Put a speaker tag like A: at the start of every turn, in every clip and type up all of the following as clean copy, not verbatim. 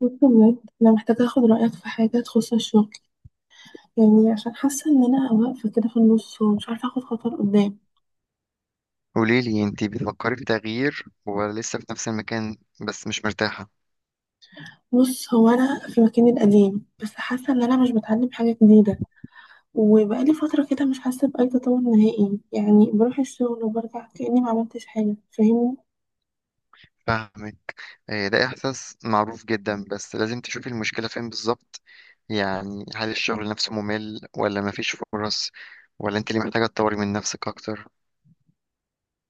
A: بص بجد انا محتاجه اخد رايك في حاجه تخص الشغل. يعني عشان حاسه ان انا واقفه كده في النص ومش عارفه اخد خطوه لقدام.
B: قوليلي انتي بتفكري في تغيير ولا لسه في نفس المكان بس مش مرتاحة؟
A: بص هو انا في مكاني القديم، بس حاسه ان انا مش بتعلم حاجه جديده. وبقالي فتره كده مش حاسه باي تطور نهائي، يعني بروح الشغل وبرجع كاني ما عملتش حاجه، فاهمني.
B: فاهمك. آه، ده إحساس معروف جدا، بس لازم تشوفي المشكلة فين بالظبط. يعني هل الشغل نفسه ممل ولا مفيش فرص، ولا انت اللي محتاجة تطوري من نفسك أكتر؟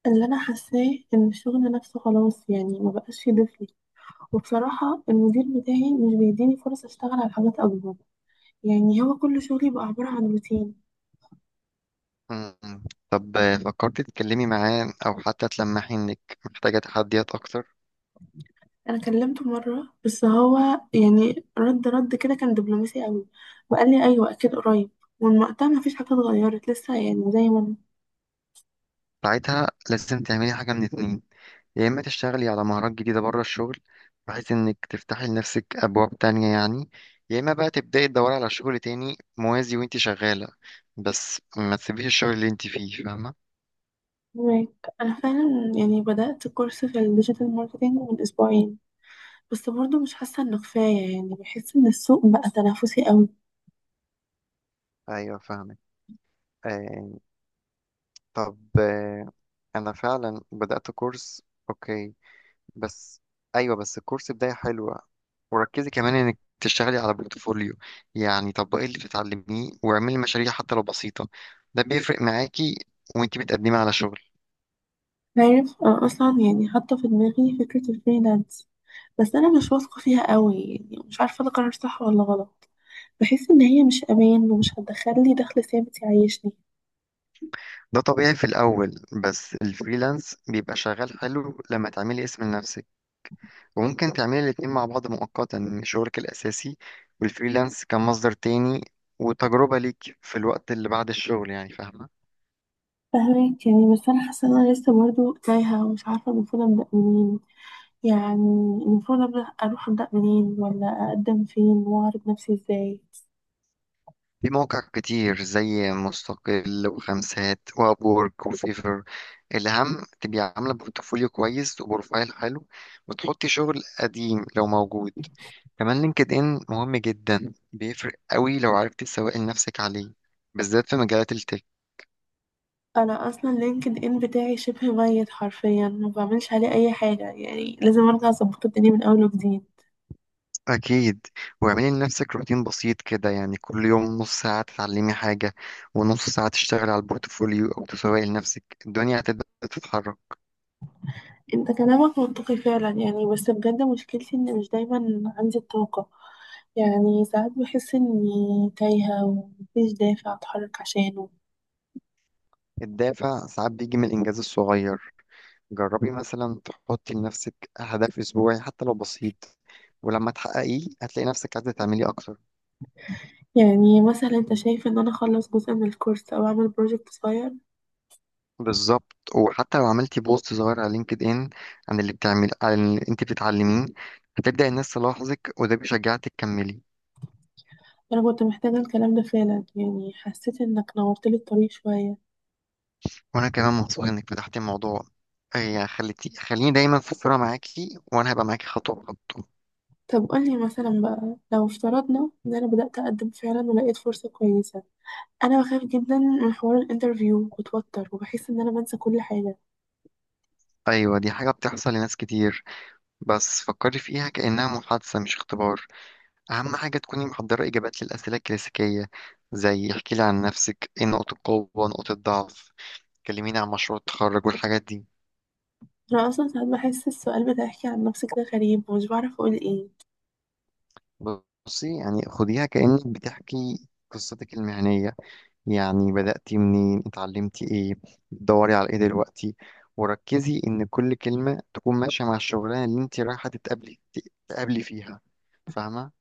A: اللي انا حاساه ان الشغل نفسه خلاص، يعني ما بقاش يضيف لي. وبصراحه المدير بتاعي مش بيديني فرص اشتغل على حاجات اكبر، يعني هو كل شغلي بقى عباره عن روتين.
B: مم. طب فكرتي تتكلمي معاه أو حتى تلمحي إنك محتاجة تحديات أكتر؟
A: انا كلمته مره، بس هو يعني رد كده كان دبلوماسي قوي، وقال لي ايوه اكيد قريب، ومن وقتها ما فيش حاجه اتغيرت لسه، يعني زي ما
B: ساعتها لازم تعملي حاجة من اتنين: يا إما تشتغلي على مهارات جديدة بره الشغل، بحيث إنك تفتحي لنفسك أبواب تانية يعني، يا إما بقى تبدأي تدوري على شغل تاني موازي وإنتي شغالة، بس ما تسيبيش الشغل اللي إنتي فيه، فاهمة؟
A: انا فاهمك. أنا فعلا يعني بدات كورس في الديجيتال ماركتينج من اسبوعين، بس برضه مش حاسه انه كفايه، يعني بحس ان السوق بقى تنافسي قوي.
B: ايوه فاهمك. آه. طب آه. انا فعلا بدأت كورس. اوكي. بس. ايوه، بس الكورس بداية حلوة. وركزي كمان إنك تشتغلي على بورتفوليو، يعني طبقي اللي بتتعلميه واعملي مشاريع حتى لو بسيطة، ده بيفرق معاكي وإنتي بتقدمي على شغل.
A: عارف، أنا اصلا يعني حاطه في دماغي فكره الفريلانس، بس انا مش واثقه فيها قوي، يعني مش عارفه ده قرار صح ولا غلط. بحس ان هي مش امان ومش هتدخل لي دخل ثابت يعيشني.
B: ده طبيعي في الأول، بس الفريلانس بيبقى شغال حلو لما تعملي اسم لنفسك. وممكن تعملي الاتنين مع بعض مؤقتا، إن شغلك الأساسي والفريلانس كمصدر تاني وتجربة ليك في الوقت اللي بعد الشغل، يعني فاهمة.
A: فاهمك يعني، بس انا حاسه ان انا لسه برضو تايهه ومش عارفه المفروض ابدا منين. يعني المفروض ابدا اروح منين، ولا اقدم فين، واعرض نفسي ازاي.
B: في مواقع كتير زي مستقل وخمسات وابورك وفيفر. الأهم تبقي عاملة بورتفوليو كويس وبروفايل حلو، وتحطي شغل قديم لو موجود. كمان لينكد ان مهم جدا، بيفرق قوي لو عرفت تسوقي لنفسك عليه، بالذات في مجالات التك.
A: انا اصلا لينكد ان بتاعي شبه ميت حرفيا، ما بعملش عليه اي حاجه، يعني لازم ارجع اظبط الدنيا من اول وجديد.
B: اكيد. واعملي لنفسك روتين بسيط كده، يعني كل يوم نص ساعه تتعلمي حاجه، ونص ساعه تشتغلي على البورتفوليو او تسوقي لنفسك، الدنيا هتبدا تتحرك.
A: انت كلامك منطقي فعلا، يعني بس بجد مشكلتي ان مش دايما عندي الطاقه. يعني ساعات بحس اني تايهه ومفيش دافع اتحرك عشانه.
B: الدافع ساعات بيجي من الانجاز الصغير. جربي مثلا تحطي لنفسك هدف اسبوعي حتى لو بسيط، ولما تحققيه هتلاقي نفسك عايزه تعملي اكتر.
A: يعني مثلا انت شايف ان انا اخلص جزء من الكورس او اعمل بروجكت صغير؟
B: بالظبط، وحتى لو عملتي بوست صغير على لينكد ان عن اللي بتعمل، عن اللي انت بتتعلميه، هتبدأ الناس تلاحظك، وده بيشجعك تكملي.
A: انا كنت محتاجة الكلام ده فعلا، يعني حسيت انك نورت لي الطريق شوية.
B: وانا كمان مبسوط انك فتحتي الموضوع. اي خليني دايما في الصورة معاكي، وانا هبقى معاكي خطوة بخطوة.
A: طب قولي مثلا بقى، لو افترضنا ان انا بدأت اقدم فعلا ولقيت فرصة كويسة، انا بخاف جدا من حوار الانترفيو، بتوتر وبحس ان انا بنسى كل حاجة.
B: ايوه، دي حاجة بتحصل لناس كتير، بس فكري فيها كأنها محادثة مش اختبار. اهم حاجة تكوني محضرة اجابات للأسئلة الكلاسيكية، زي احكي لي عن نفسك، ايه نقط القوة، نقط الضعف، كلميني عن مشروع التخرج والحاجات دي.
A: انا اصلا ساعات بحس السؤال بتاعك عن نفسك ده غريب، ومش بعرف اقول ايه.
B: بصي، يعني خديها كأنك بتحكي قصتك المهنية، يعني بدأتي منين، اتعلمتي ايه، بتدوري على ايه دلوقتي. وركزي ان كل كلمة تكون ماشية مع الشغلانة اللي انت رايحة تقابلي فيها، فاهمة؟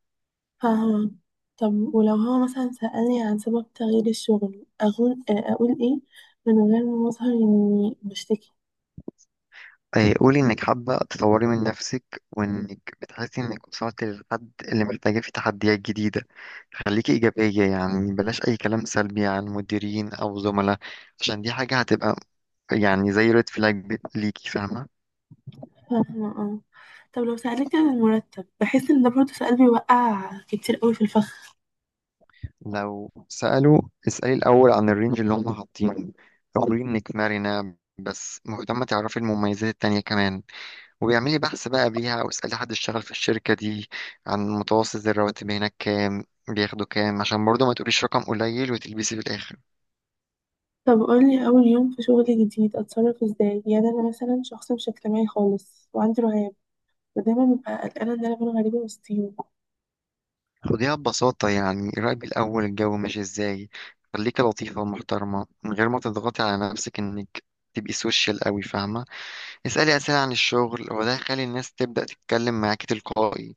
A: فاهمة. طب ولو هو مثلا سألني عن سبب تغيير الشغل، اقول ايه من غير ما اظهر اني بشتكي؟
B: إيه، قولي انك حابة تطوري من نفسك، وانك بتحسي انك وصلت للحد اللي محتاجة فيه تحديات جديدة. خليكي إيجابية، يعني بلاش أي كلام سلبي عن مديرين أو زملاء، عشان دي حاجة هتبقى يعني زي ريد فلاج ليكي، فاهمة.
A: فاهمة، اه. طب لو سألتك عن المرتب، بحس ان ده برضه سؤال بيوقع كتير قوي في الفخ.
B: لو سألوا، اسألي الأول عن الرينج اللي هم حاطينه. اقولي إنك مرنة بس مهتمة تعرفي المميزات التانية كمان. وبيعملي بحث بقى قبليها، واسألي حد اشتغل في الشركة دي عن متوسط الرواتب هناك، كام بياخدوا كام، عشان برضه ما تقوليش رقم قليل وتلبسي في الآخر.
A: طب قولي اول يوم في شغل جديد اتصرف ازاي؟ يعني انا مثلا شخص مش اجتماعي خالص وعندي رهاب، ودايما ببقى قلقانة ان انا اكون غريبة وسطيهم.
B: خديها ببساطة، يعني راقبي الأول الجو ماشي ازاي. خليكي لطيفة ومحترمة من غير ما تضغطي على نفسك إنك تبقي سوشيال قوي، فاهمة. اسألي أسئلة عن الشغل، وده هيخلي الناس تبدأ تتكلم معاكي تلقائي.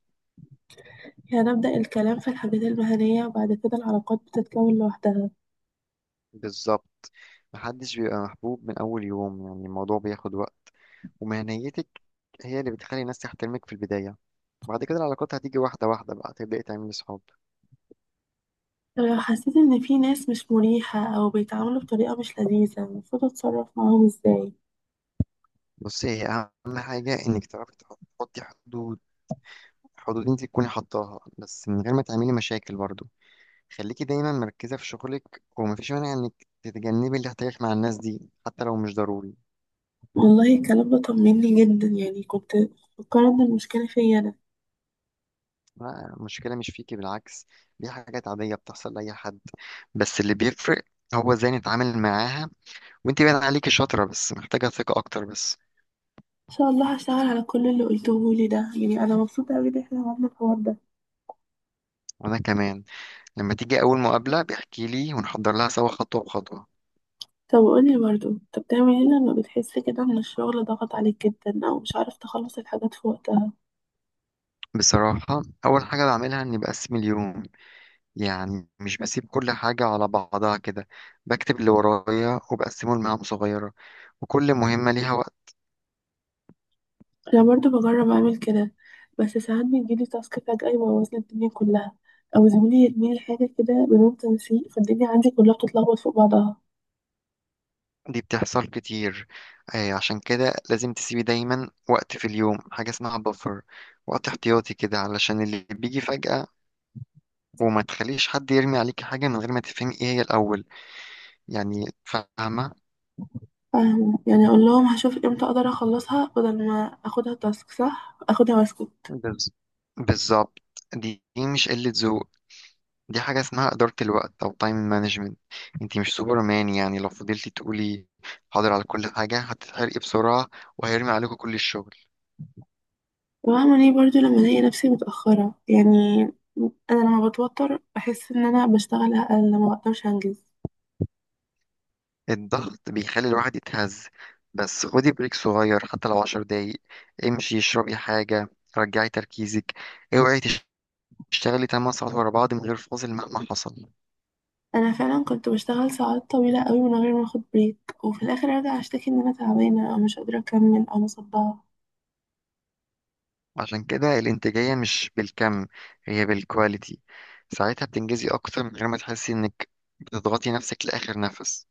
A: يعني أبدأ الكلام في الحاجات المهنية وبعد كده العلاقات بتتكون لوحدها؟
B: بالظبط. محدش بيبقى محبوب من أول يوم، يعني الموضوع بياخد وقت. ومهنيتك هي اللي بتخلي الناس تحترمك في البداية، بعد كده العلاقات هتيجي واحدة واحدة، بقى تبدأي تعملي صحاب.
A: طب لو حسيت ان في ناس مش مريحة او بيتعاملوا بطريقة مش لذيذة، المفروض اتصرف معاهم ازاي؟
B: بصي، هي أهم حاجة إنك تعرفي تحطي حدود، حدود أنت تكوني حطاها، بس من غير ما تعملي مشاكل برضو. خليكي دايما مركزة في شغلك، ومفيش مانع إنك تتجنبي الاحتكاك مع الناس دي، حتى لو مش ضروري.
A: والله الكلام ده طمني جدا، يعني كنت فكرت ان المشكلة فيا انا.
B: لا، المشكلة مش فيكي، بالعكس، دي حاجات عادية بتحصل لأي حد. بس اللي بيفرق هو ازاي نتعامل معاها، وانت باين عليكي شاطرة، بس محتاجة ثقة أكتر بس.
A: ان شاء الله هشتغل على كل اللي قلتهولي ده، يعني انا مبسوطه قوي ان احنا عملنا الحوار ده.
B: وأنا كمان. لما تيجي أول مقابلة بيحكي لي ونحضر لها سوا خطوة بخطوة.
A: طب قولي برضو انت بتعمل ايه لما بتحس كده ان الشغل ضغط عليك جدا، او مش عارف تخلص الحاجات في وقتها؟
B: بصراحة أول حاجة بعملها إني بقسم اليوم، يعني مش بسيب كل حاجة على بعضها كده. بكتب اللي ورايا وبقسمه لمهام صغيرة، وكل مهمة ليها وقت.
A: انا برضو بجرب اعمل كده، بس ساعات بيجيلي تاسك فجأة يبوظ لي الدنيا كلها، او زميلي يرميلي حاجه كده بدون تنسيق، فالدنيا عندي كلها بتتلخبط فوق بعضها.
B: دي بتحصل كتير. آه، عشان كده لازم تسيبي دايما وقت في اليوم، حاجة اسمها بفر، وقت احتياطي كده علشان اللي بيجي فجأة. وما تخليش حد يرمي عليكي حاجة من غير ما تفهمي ايه هي الأول، يعني فاهمة.
A: فاهمة، يعني اقول لهم هشوف امتى اقدر اخلصها، بدل ما اخدها تاسك، صح؟ اخدها واسكت.
B: بز- بالظبط. دي مش قلة ذوق، دي حاجة اسمها إدارة الوقت أو تايم مانجمنت. انتي مش سوبرمان، يعني لو فضلتي تقولي حاضر على كل حاجة هتتحرقي بسرعة، وهيرمي عليكم كل الشغل.
A: وبعمل ايه برضو لما الاقي نفسي متأخرة؟ يعني انا لما بتوتر بحس ان انا بشتغل اقل، ما بقدرش انجز.
B: الضغط بيخلي الواحد يتهز، بس خدي بريك صغير حتى لو عشر دقايق. امشي، اشربي حاجة، رجعي تركيزك. اوعي تشتغلي 8 ساعات ورا بعض من غير فاصل مهما حصل.
A: انا فعلا كنت بشتغل ساعات طويلة قوي من غير ما اخد بريك، وفي الاخر ارجع اشتكي ان انا تعبانة او مش قادرة اكمل او مصدعة.
B: عشان كده الانتاجية مش بالكم، هي بالكواليتي. ساعتها بتنجزي أكتر من غير ما تحسي إنك بتضغطي نفسك لآخر نفس.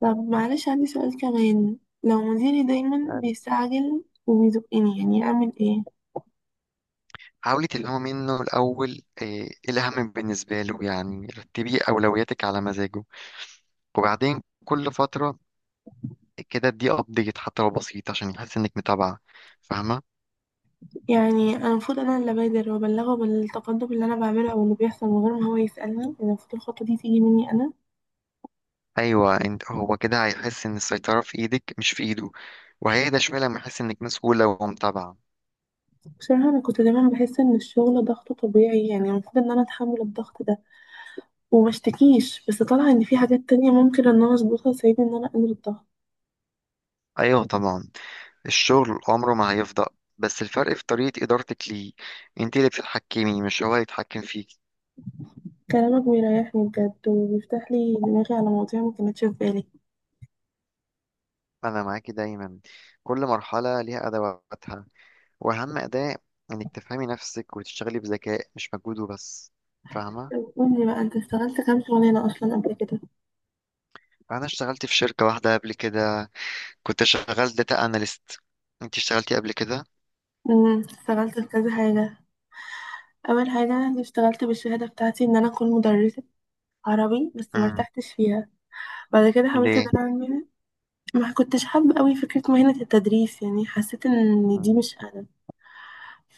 A: طب معلش عندي سؤال كمان. لو مديري دايما
B: يعني
A: بيستعجل وبيزقني، يعني اعمل ايه؟
B: حاولي تلهمي منه الأول إيه الأهم بالنسبة له، يعني رتبي أولوياتك على مزاجه. وبعدين كل فترة كده دي أبديت حتى لو بسيط، عشان يحس إنك متابعة، فاهمة؟
A: يعني انا المفروض انا اللي ابادر وابلغه بالتقدم اللي انا بعمله او اللي بيحصل من غير ما هو يسألني؟ يعني المفروض الخطوة دي تيجي مني انا.
B: أيوة، انت هو كده هيحس إن السيطرة في إيدك مش في إيده، وهيهدى شوية لما يحس إنك مسؤولة ومتابعة.
A: بصراحة أنا كنت دايما بحس إن الشغل ضغطه طبيعي، يعني المفروض إن أنا أتحمل الضغط ده ومشتكيش. بس طالعة إن في حاجات تانية ممكن إن أنا أظبطها تساعدني إن أنا أقلل الضغط.
B: أيوة طبعا. الشغل عمره ما هيفضى، بس الفرق في طريقة إدارتك ليه، انت اللي بتتحكمي مش هو يتحكم فيك.
A: كلامك بيريحني بجد، وبيفتح لي دماغي على مواضيع ما كانتش في بالي.
B: أنا معاكي دايما. كل مرحلة ليها أدواتها، وأهم أداة إنك تفهمي نفسك وتشتغلي بذكاء، مش مجهود وبس، فاهمة؟
A: طب قولي بقى، أنت اشتغلت كام شغلانة أصلا قبل كده؟
B: أنا اشتغلت في شركة واحدة قبل كده، كنت شغال داتا أناليست. انت اشتغلتي قبل كده؟
A: اشتغلت في كذا حاجة. أول حاجة أنا اشتغلت بالشهادة بتاعتي إن أنا أكون مدرسة عربي، بس
B: امم.
A: مرتحتش فيها. بعد كده حاولت إن
B: ليه؟
A: أنا أعمل. ما كنتش حابة أوي فكرة مهنة التدريس، يعني حسيت إن دي
B: امم.
A: مش أنا.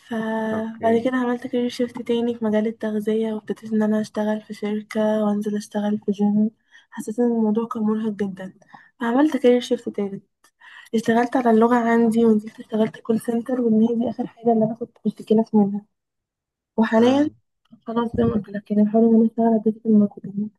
A: فبعد
B: اوكي.
A: كده عملت كارير شيفت تاني في مجال التغذية، وابتديت ان انا اشتغل في شركة، وانزل اشتغل في جيم. حسيت ان الموضوع كان مرهق جدا، فعملت كارير شيفت تالت. اشتغلت على اللغة عندي، ونزلت اشتغلت كول سنتر، وان هي دي اخر حاجة اللي انا كنت مشتكلة منها. وحاليا
B: امم.
A: خلاص زي ما قلت لك، يعني بحاول ان انا اشتغل على ديجيتال ماركتنج.